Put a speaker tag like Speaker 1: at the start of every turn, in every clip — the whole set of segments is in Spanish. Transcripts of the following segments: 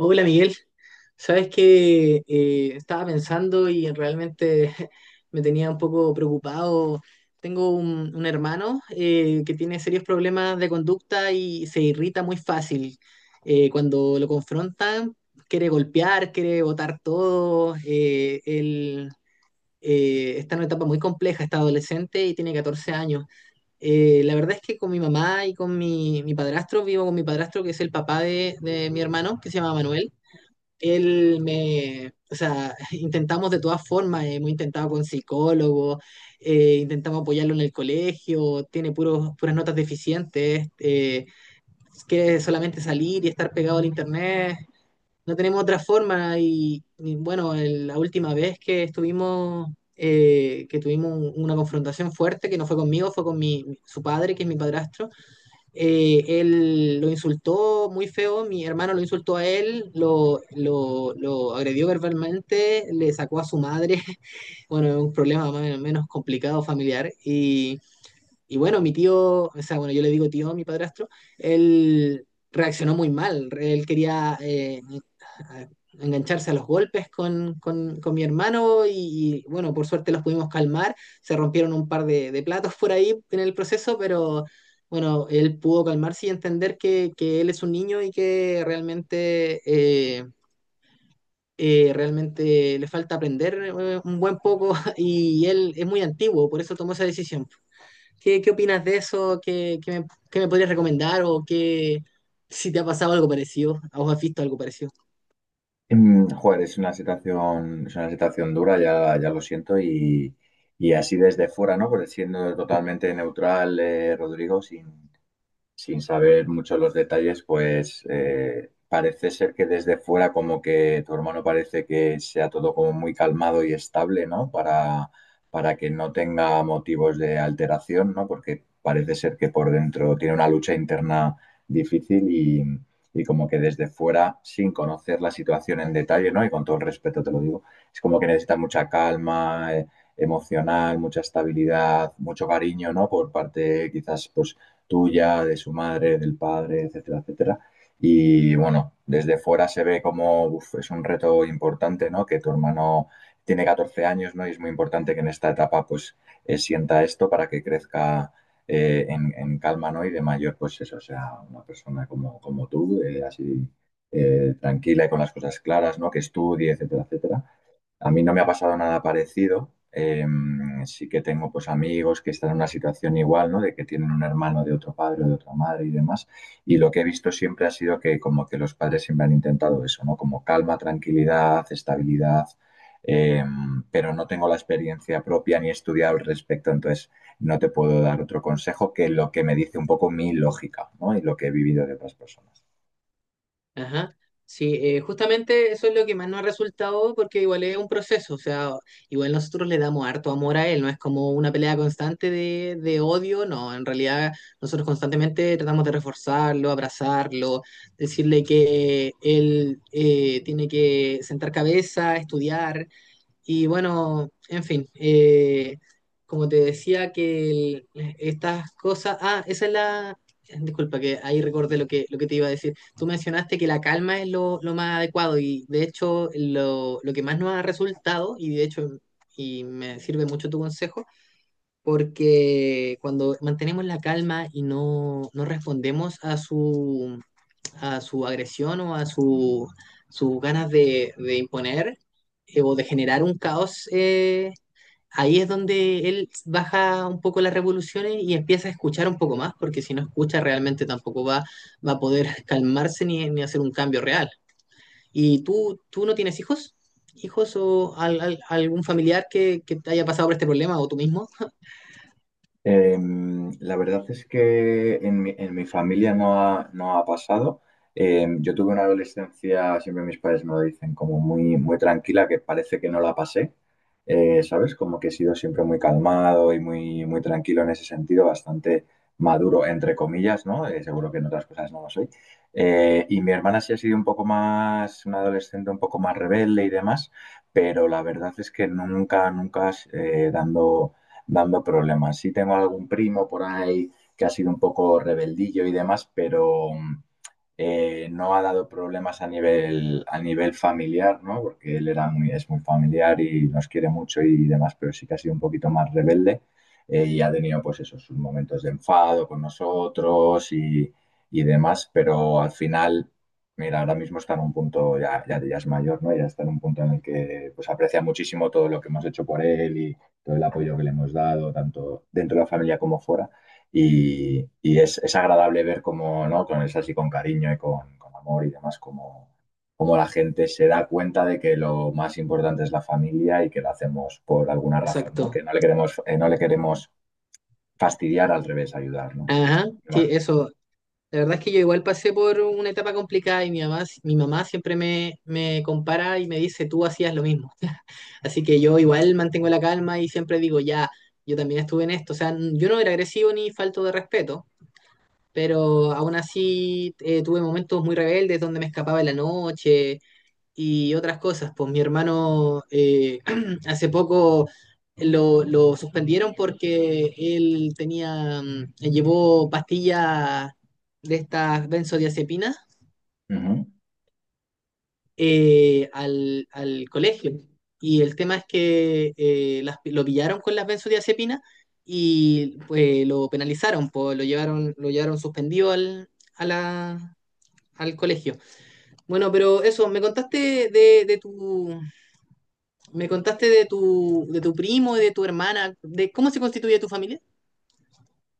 Speaker 1: Hola, Miguel. Sabes que estaba pensando y realmente me tenía un poco preocupado. Tengo un hermano que tiene serios problemas de conducta y se irrita muy fácil. Cuando lo confrontan, quiere golpear, quiere botar todo. Él está en una etapa muy compleja, está adolescente y tiene 14 años. La verdad es que con mi mamá y con mi padrastro, vivo con mi padrastro, que es el papá de mi hermano, que se llama Manuel. Él me, o sea, intentamos de todas formas, hemos intentado con psicólogos, intentamos apoyarlo en el colegio, tiene puras notas deficientes, quiere solamente salir y estar pegado al internet, no tenemos otra forma, y bueno, la última vez que estuvimos... que tuvimos una confrontación fuerte que no fue conmigo, fue con su padre, que es mi padrastro, él lo insultó muy feo, mi hermano lo insultó a él, lo agredió verbalmente, le sacó a su madre. Bueno, un problema más o menos complicado familiar. Y bueno, mi tío, o sea, bueno, yo le digo tío a mi padrastro, él reaccionó muy mal. Él quería a- engancharse a los golpes con mi hermano y bueno, por suerte los pudimos calmar. Se rompieron un par de platos por ahí en el proceso, pero bueno, él pudo calmarse y entender que él es un niño y que realmente... eh, realmente le falta aprender un buen poco. Y él es muy antiguo, por eso tomó esa decisión. Qué opinas de eso? Qué me podrías recomendar? ¿O qué, si te ha pasado algo parecido? ¿A has visto algo parecido?
Speaker 2: Joder, es una situación dura, ya lo siento, y así desde fuera, ¿no? Pues siendo totalmente neutral, Rodrigo, sin saber mucho los detalles, pues parece ser que desde fuera como que tu hermano parece que sea todo como muy calmado y estable, ¿no? Para que no tenga motivos de alteración, ¿no? Porque parece ser que por dentro tiene una lucha interna difícil y como que desde fuera, sin conocer la situación en detalle, ¿no? Y con todo el respeto te lo digo, es como que necesita mucha calma emocional, mucha estabilidad, mucho cariño, ¿no? Por parte quizás pues tuya, de su madre, del padre, etcétera, etcétera. Y bueno, desde fuera se ve como uf, es un reto importante, ¿no? Que tu hermano tiene 14 años, ¿no? Y es muy importante que en esta etapa, pues, sienta esto para que crezca en calma, ¿no? Y de mayor, pues eso, sea una persona como, como tú, así tranquila y con las cosas claras, ¿no? Que estudie, etcétera, etcétera. A mí no me ha pasado nada parecido. Eh, sí que tengo pues amigos que están en una situación igual, ¿no? De que tienen un hermano de otro padre o de otra madre y demás. Y lo que he visto siempre ha sido que como que los padres siempre han intentado eso, ¿no? Como calma, tranquilidad, estabilidad. eh, pero no tengo la experiencia propia ni he estudiado al respecto, entonces no te puedo dar otro consejo que lo que me dice un poco mi lógica, ¿no? Y lo que he vivido de otras personas.
Speaker 1: Ajá. Sí, justamente eso es lo que más nos ha resultado, porque igual es un proceso, o sea, igual nosotros le damos harto amor a él, no es como una pelea constante de odio, no, en realidad nosotros constantemente tratamos de reforzarlo, abrazarlo, decirle que él tiene que sentar cabeza, estudiar. Y bueno, en fin, como te decía que estas cosas, ah, esa es la, disculpa, que ahí recordé lo que te iba a decir. Tú mencionaste que la calma es lo más adecuado, y de hecho lo que más nos ha resultado, y de hecho y me sirve mucho tu consejo, porque cuando mantenemos la calma y no respondemos a su agresión o a su, sus ganas de imponer o de generar un caos, ahí es donde él baja un poco las revoluciones y empieza a escuchar un poco más, porque si no escucha realmente tampoco va, va a poder calmarse ni hacer un cambio real. ¿Y tú no tienes hijos? ¿Hijos o algún familiar que te haya pasado por este problema, o tú mismo?
Speaker 2: La verdad es que en mi familia no ha pasado. Yo tuve una adolescencia, siempre mis padres me lo dicen, como muy tranquila, que parece que no la pasé. ¿Sabes? Como que he sido siempre muy calmado y muy tranquilo en ese sentido, bastante maduro, entre comillas, ¿no? Seguro que en otras cosas no lo soy. Y mi hermana sí ha sido un poco más, una adolescente un poco más rebelde y demás, pero la verdad es que nunca dando problemas. Sí tengo algún primo por ahí que ha sido un poco rebeldillo y demás, pero, no ha dado problemas a nivel familiar, ¿no? Porque él era muy, es muy familiar y nos quiere mucho y demás, pero sí que ha sido un poquito más rebelde y ha tenido pues esos sus momentos de enfado con nosotros y demás, pero al final, mira, ahora mismo está en un punto, ya es mayor, ¿no? Ya está en un punto en el que pues aprecia muchísimo todo lo que hemos hecho por él y todo el apoyo que le hemos dado, tanto dentro de la familia como fuera. Es agradable ver cómo, ¿no? Con eso así, con cariño y con amor y demás, cómo la gente se da cuenta de que lo más importante es la familia y que lo hacemos por alguna razón, ¿no?
Speaker 1: Exacto.
Speaker 2: Que no le queremos, no le queremos fastidiar, al revés, ayudar, ¿no?
Speaker 1: Ajá, sí,
Speaker 2: Vale.
Speaker 1: eso. La verdad es que yo igual pasé por una etapa complicada, y mi mamá siempre me compara y me dice, tú hacías lo mismo. Así que yo igual mantengo la calma y siempre digo, ya, yo también estuve en esto. O sea, yo no era agresivo ni falto de respeto, pero aún así tuve momentos muy rebeldes donde me escapaba en la noche, y otras cosas. Pues mi hermano hace poco lo suspendieron porque él tenía, llevó pastillas de estas benzodiazepinas
Speaker 2: Ujú.
Speaker 1: al colegio. Y el tema es que lo pillaron con las benzodiazepinas, y pues lo penalizaron, pues lo llevaron suspendido a la- al colegio. Bueno, pero eso, me contaste me contaste de de tu primo y de tu hermana, de cómo se constituye tu familia.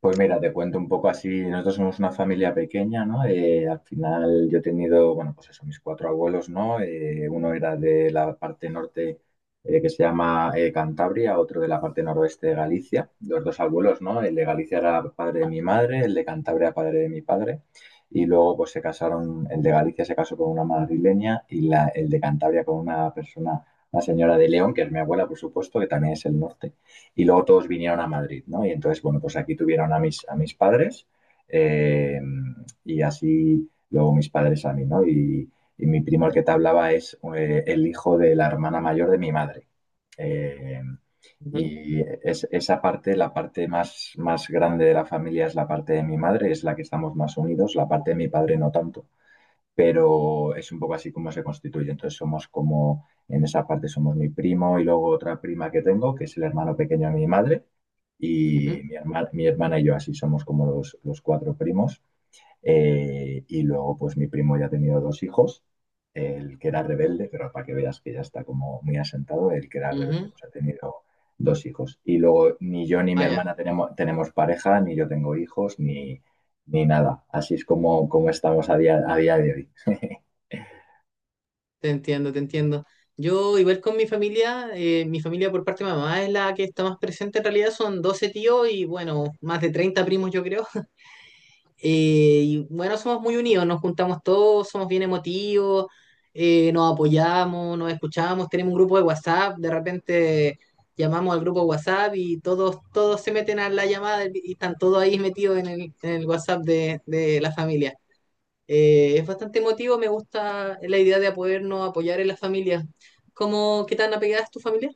Speaker 2: Pues mira, te cuento un poco así, nosotros somos una familia pequeña, ¿no? Al final yo he tenido, bueno, pues eso, mis cuatro abuelos, ¿no? Uno era de la parte norte que se llama Cantabria, otro de la parte noroeste de Galicia, los dos abuelos, ¿no? El de Galicia era padre de mi madre, el de Cantabria padre de mi padre, y luego pues se casaron, el de Galicia se casó con una madrileña y el de Cantabria con una persona, una señora de León, que es mi abuela, por supuesto, que también es el norte y luego todos vinieron a Madrid, ¿no? Y entonces, bueno, pues aquí tuvieron a mis padres eh, y así luego mis padres a mí, ¿no? Y mi primo el que te hablaba es el hijo de la hermana mayor de mi madre. Eh,
Speaker 1: Ujú,
Speaker 2: y es, esa parte, la parte más grande de la familia es la parte de mi madre, es la que estamos más unidos, la parte de mi padre no tanto pero es un poco así como se constituye. Entonces somos como, en esa parte somos mi primo y luego otra prima que tengo, que es el hermano pequeño de mi madre, y
Speaker 1: ujú,
Speaker 2: mi hermana y yo así somos como los cuatro primos. Y luego pues mi primo ya ha tenido dos hijos, el que era rebelde, pero para que veas que ya está como muy asentado, el que era rebelde
Speaker 1: ujú.
Speaker 2: pues ha tenido dos hijos. Y luego ni yo ni mi
Speaker 1: Ah, ya,
Speaker 2: hermana tenemos, tenemos pareja, ni yo tengo hijos, ni nada. Así es como, como estamos a día de hoy.
Speaker 1: te entiendo, te entiendo. Yo, igual con mi familia por parte de mamá es la que está más presente en realidad, son 12 tíos y bueno, más de 30 primos, yo creo. Y bueno, somos muy unidos, nos juntamos todos, somos bien emotivos, nos apoyamos, nos escuchamos, tenemos un grupo de WhatsApp, de repente llamamos al grupo de WhatsApp y todos, todos se meten a la llamada y están todos ahí metidos en en el WhatsApp de la familia. Es bastante emotivo, me gusta la idea de podernos apoyar en la familia. ¿Cómo, qué tan apegada es tu familia?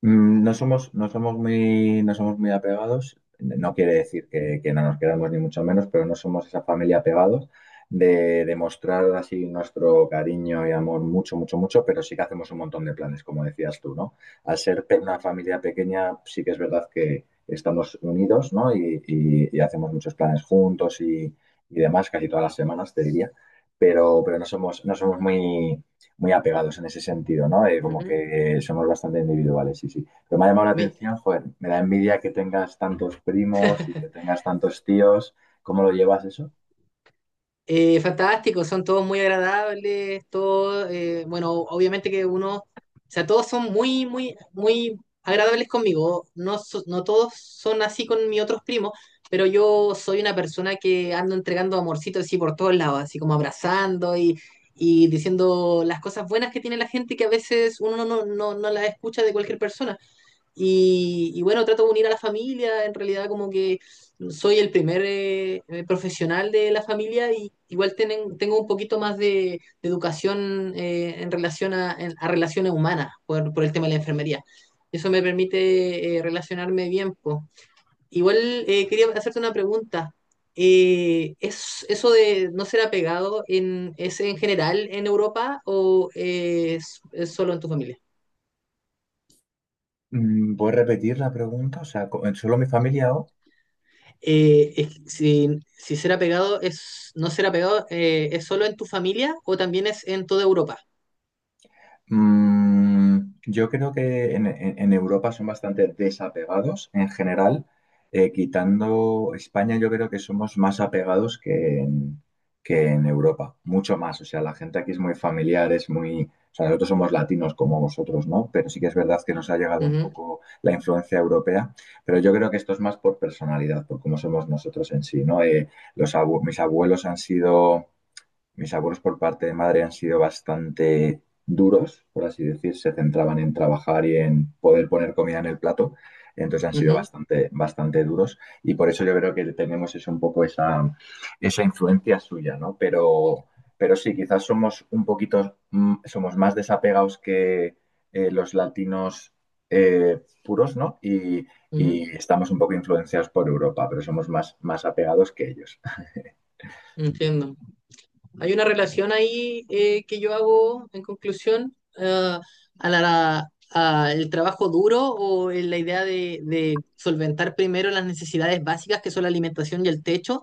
Speaker 2: No somos, no somos muy apegados. No quiere decir que no nos quedamos ni mucho menos, pero no somos esa familia apegados de demostrar así nuestro cariño y amor mucho, pero sí que hacemos un montón de planes, como decías tú, ¿no? Al ser pe- una familia pequeña, sí que es verdad que estamos unidos, ¿no? Y hacemos muchos planes juntos y demás, casi todas las semanas, te diría. Pero no somos, no somos muy muy apegados en ese sentido, ¿no? Como
Speaker 1: Ujú.
Speaker 2: que somos bastante individuales, sí. Pero me ha llamado la
Speaker 1: Mi-
Speaker 2: atención, joder, me da envidia que tengas tantos primos y que tengas tantos tíos. ¿Cómo lo llevas eso?
Speaker 1: Fantástico, son todos muy agradables, todos, bueno, obviamente que uno, o sea, todos son muy, muy, muy agradables conmigo, no, no todos son así con mis otros primos, pero yo soy una persona que ando entregando amorcitos así por todos lados, así como abrazando y diciendo las cosas buenas que tiene la gente, que a veces uno no las escucha de cualquier persona. Y bueno, trato de unir a la familia, en realidad, como que soy el primer profesional de la familia, y igual tienen, tengo un poquito más de educación en relación a, a relaciones humanas por el tema de la enfermería. Eso me permite relacionarme bien, po. Igual quería hacerte una pregunta. ¿Es, eso de no ser apegado en, es en general en Europa, o es solo en tu familia?
Speaker 2: ¿Puedes repetir la pregunta? O sea, co- ¿solo mi familia o...?
Speaker 1: Si, si será pegado, es, no será pegado, ¿es solo en tu familia o también es en toda Europa?
Speaker 2: Yo creo que en Europa son bastante desapegados en general. Quitando España, yo creo que somos más apegados que en Europa, mucho más. O sea, la gente aquí es muy familiar, es muy... O sea, nosotros somos latinos como vosotros, ¿no? Pero sí que es verdad que nos ha llegado un
Speaker 1: Ujú,
Speaker 2: poco la influencia europea, pero yo creo que esto es más por personalidad, por cómo somos nosotros en sí, ¿no? Mis abuelos han sido mis abuelos por parte de madre han sido bastante duros, por así decir, se centraban en trabajar y en poder poner comida en el plato, entonces han sido
Speaker 1: ujú,
Speaker 2: bastante duros y por eso yo creo que tenemos es un poco esa, esa influencia suya, ¿no? Pero sí, quizás somos un poquito, somos más desapegados que los latinos puros, ¿no? Y
Speaker 1: ujú,
Speaker 2: estamos un poco influenciados por Europa, pero somos más, más apegados que ellos.
Speaker 1: entiendo. Hay una relación ahí que yo hago en conclusión, a la, a el trabajo duro, o en la idea de solventar primero las necesidades básicas, que son la alimentación y el techo.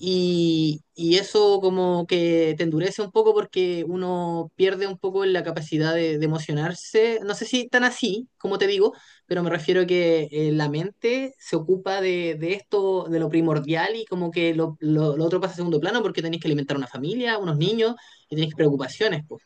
Speaker 1: Y eso como que te endurece un poco, porque uno pierde un poco la capacidad de emocionarse. No sé si tan así, como te digo, pero me refiero a que la mente se ocupa de esto, de lo primordial, y como que lo otro pasa a segundo plano porque tenés que alimentar una familia, unos niños, y tenés preocupaciones, pues.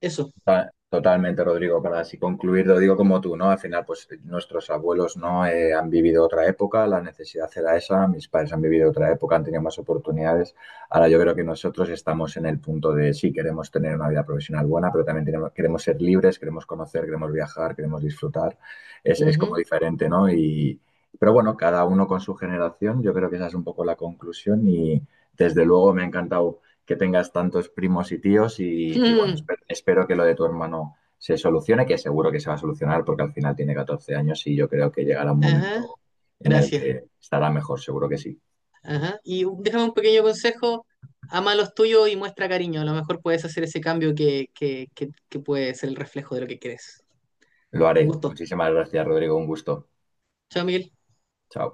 Speaker 1: Eso.
Speaker 2: Totalmente, Rodrigo, para así concluir, lo digo como tú, ¿no? Al final, pues nuestros abuelos no han vivido otra época, la necesidad era esa, mis padres han vivido otra época, han tenido más oportunidades. Ahora yo creo que nosotros estamos en el punto de sí, queremos tener una vida profesional buena, pero también tenemos- queremos ser libres, queremos conocer, queremos viajar, queremos disfrutar. Es como
Speaker 1: Ujú.
Speaker 2: diferente, ¿no? Y, pero bueno, cada uno con su generación, yo creo que esa es un poco la conclusión y desde luego me ha encantado que tengas tantos primos y tíos y bueno, espero que lo de tu hermano se solucione, que seguro que se va a solucionar porque al final tiene 14 años y yo creo que llegará un
Speaker 1: Ajá.
Speaker 2: momento en el
Speaker 1: Gracias.
Speaker 2: que estará mejor, seguro que sí.
Speaker 1: Ajá. Y déjame un pequeño consejo, ama a los tuyos y muestra cariño. A lo mejor puedes hacer ese cambio que puede ser el reflejo de lo que quieres.
Speaker 2: Lo
Speaker 1: Un
Speaker 2: haré.
Speaker 1: gusto.
Speaker 2: Muchísimas gracias, Rodrigo. Un gusto.
Speaker 1: Chao, Miguel.
Speaker 2: Chao.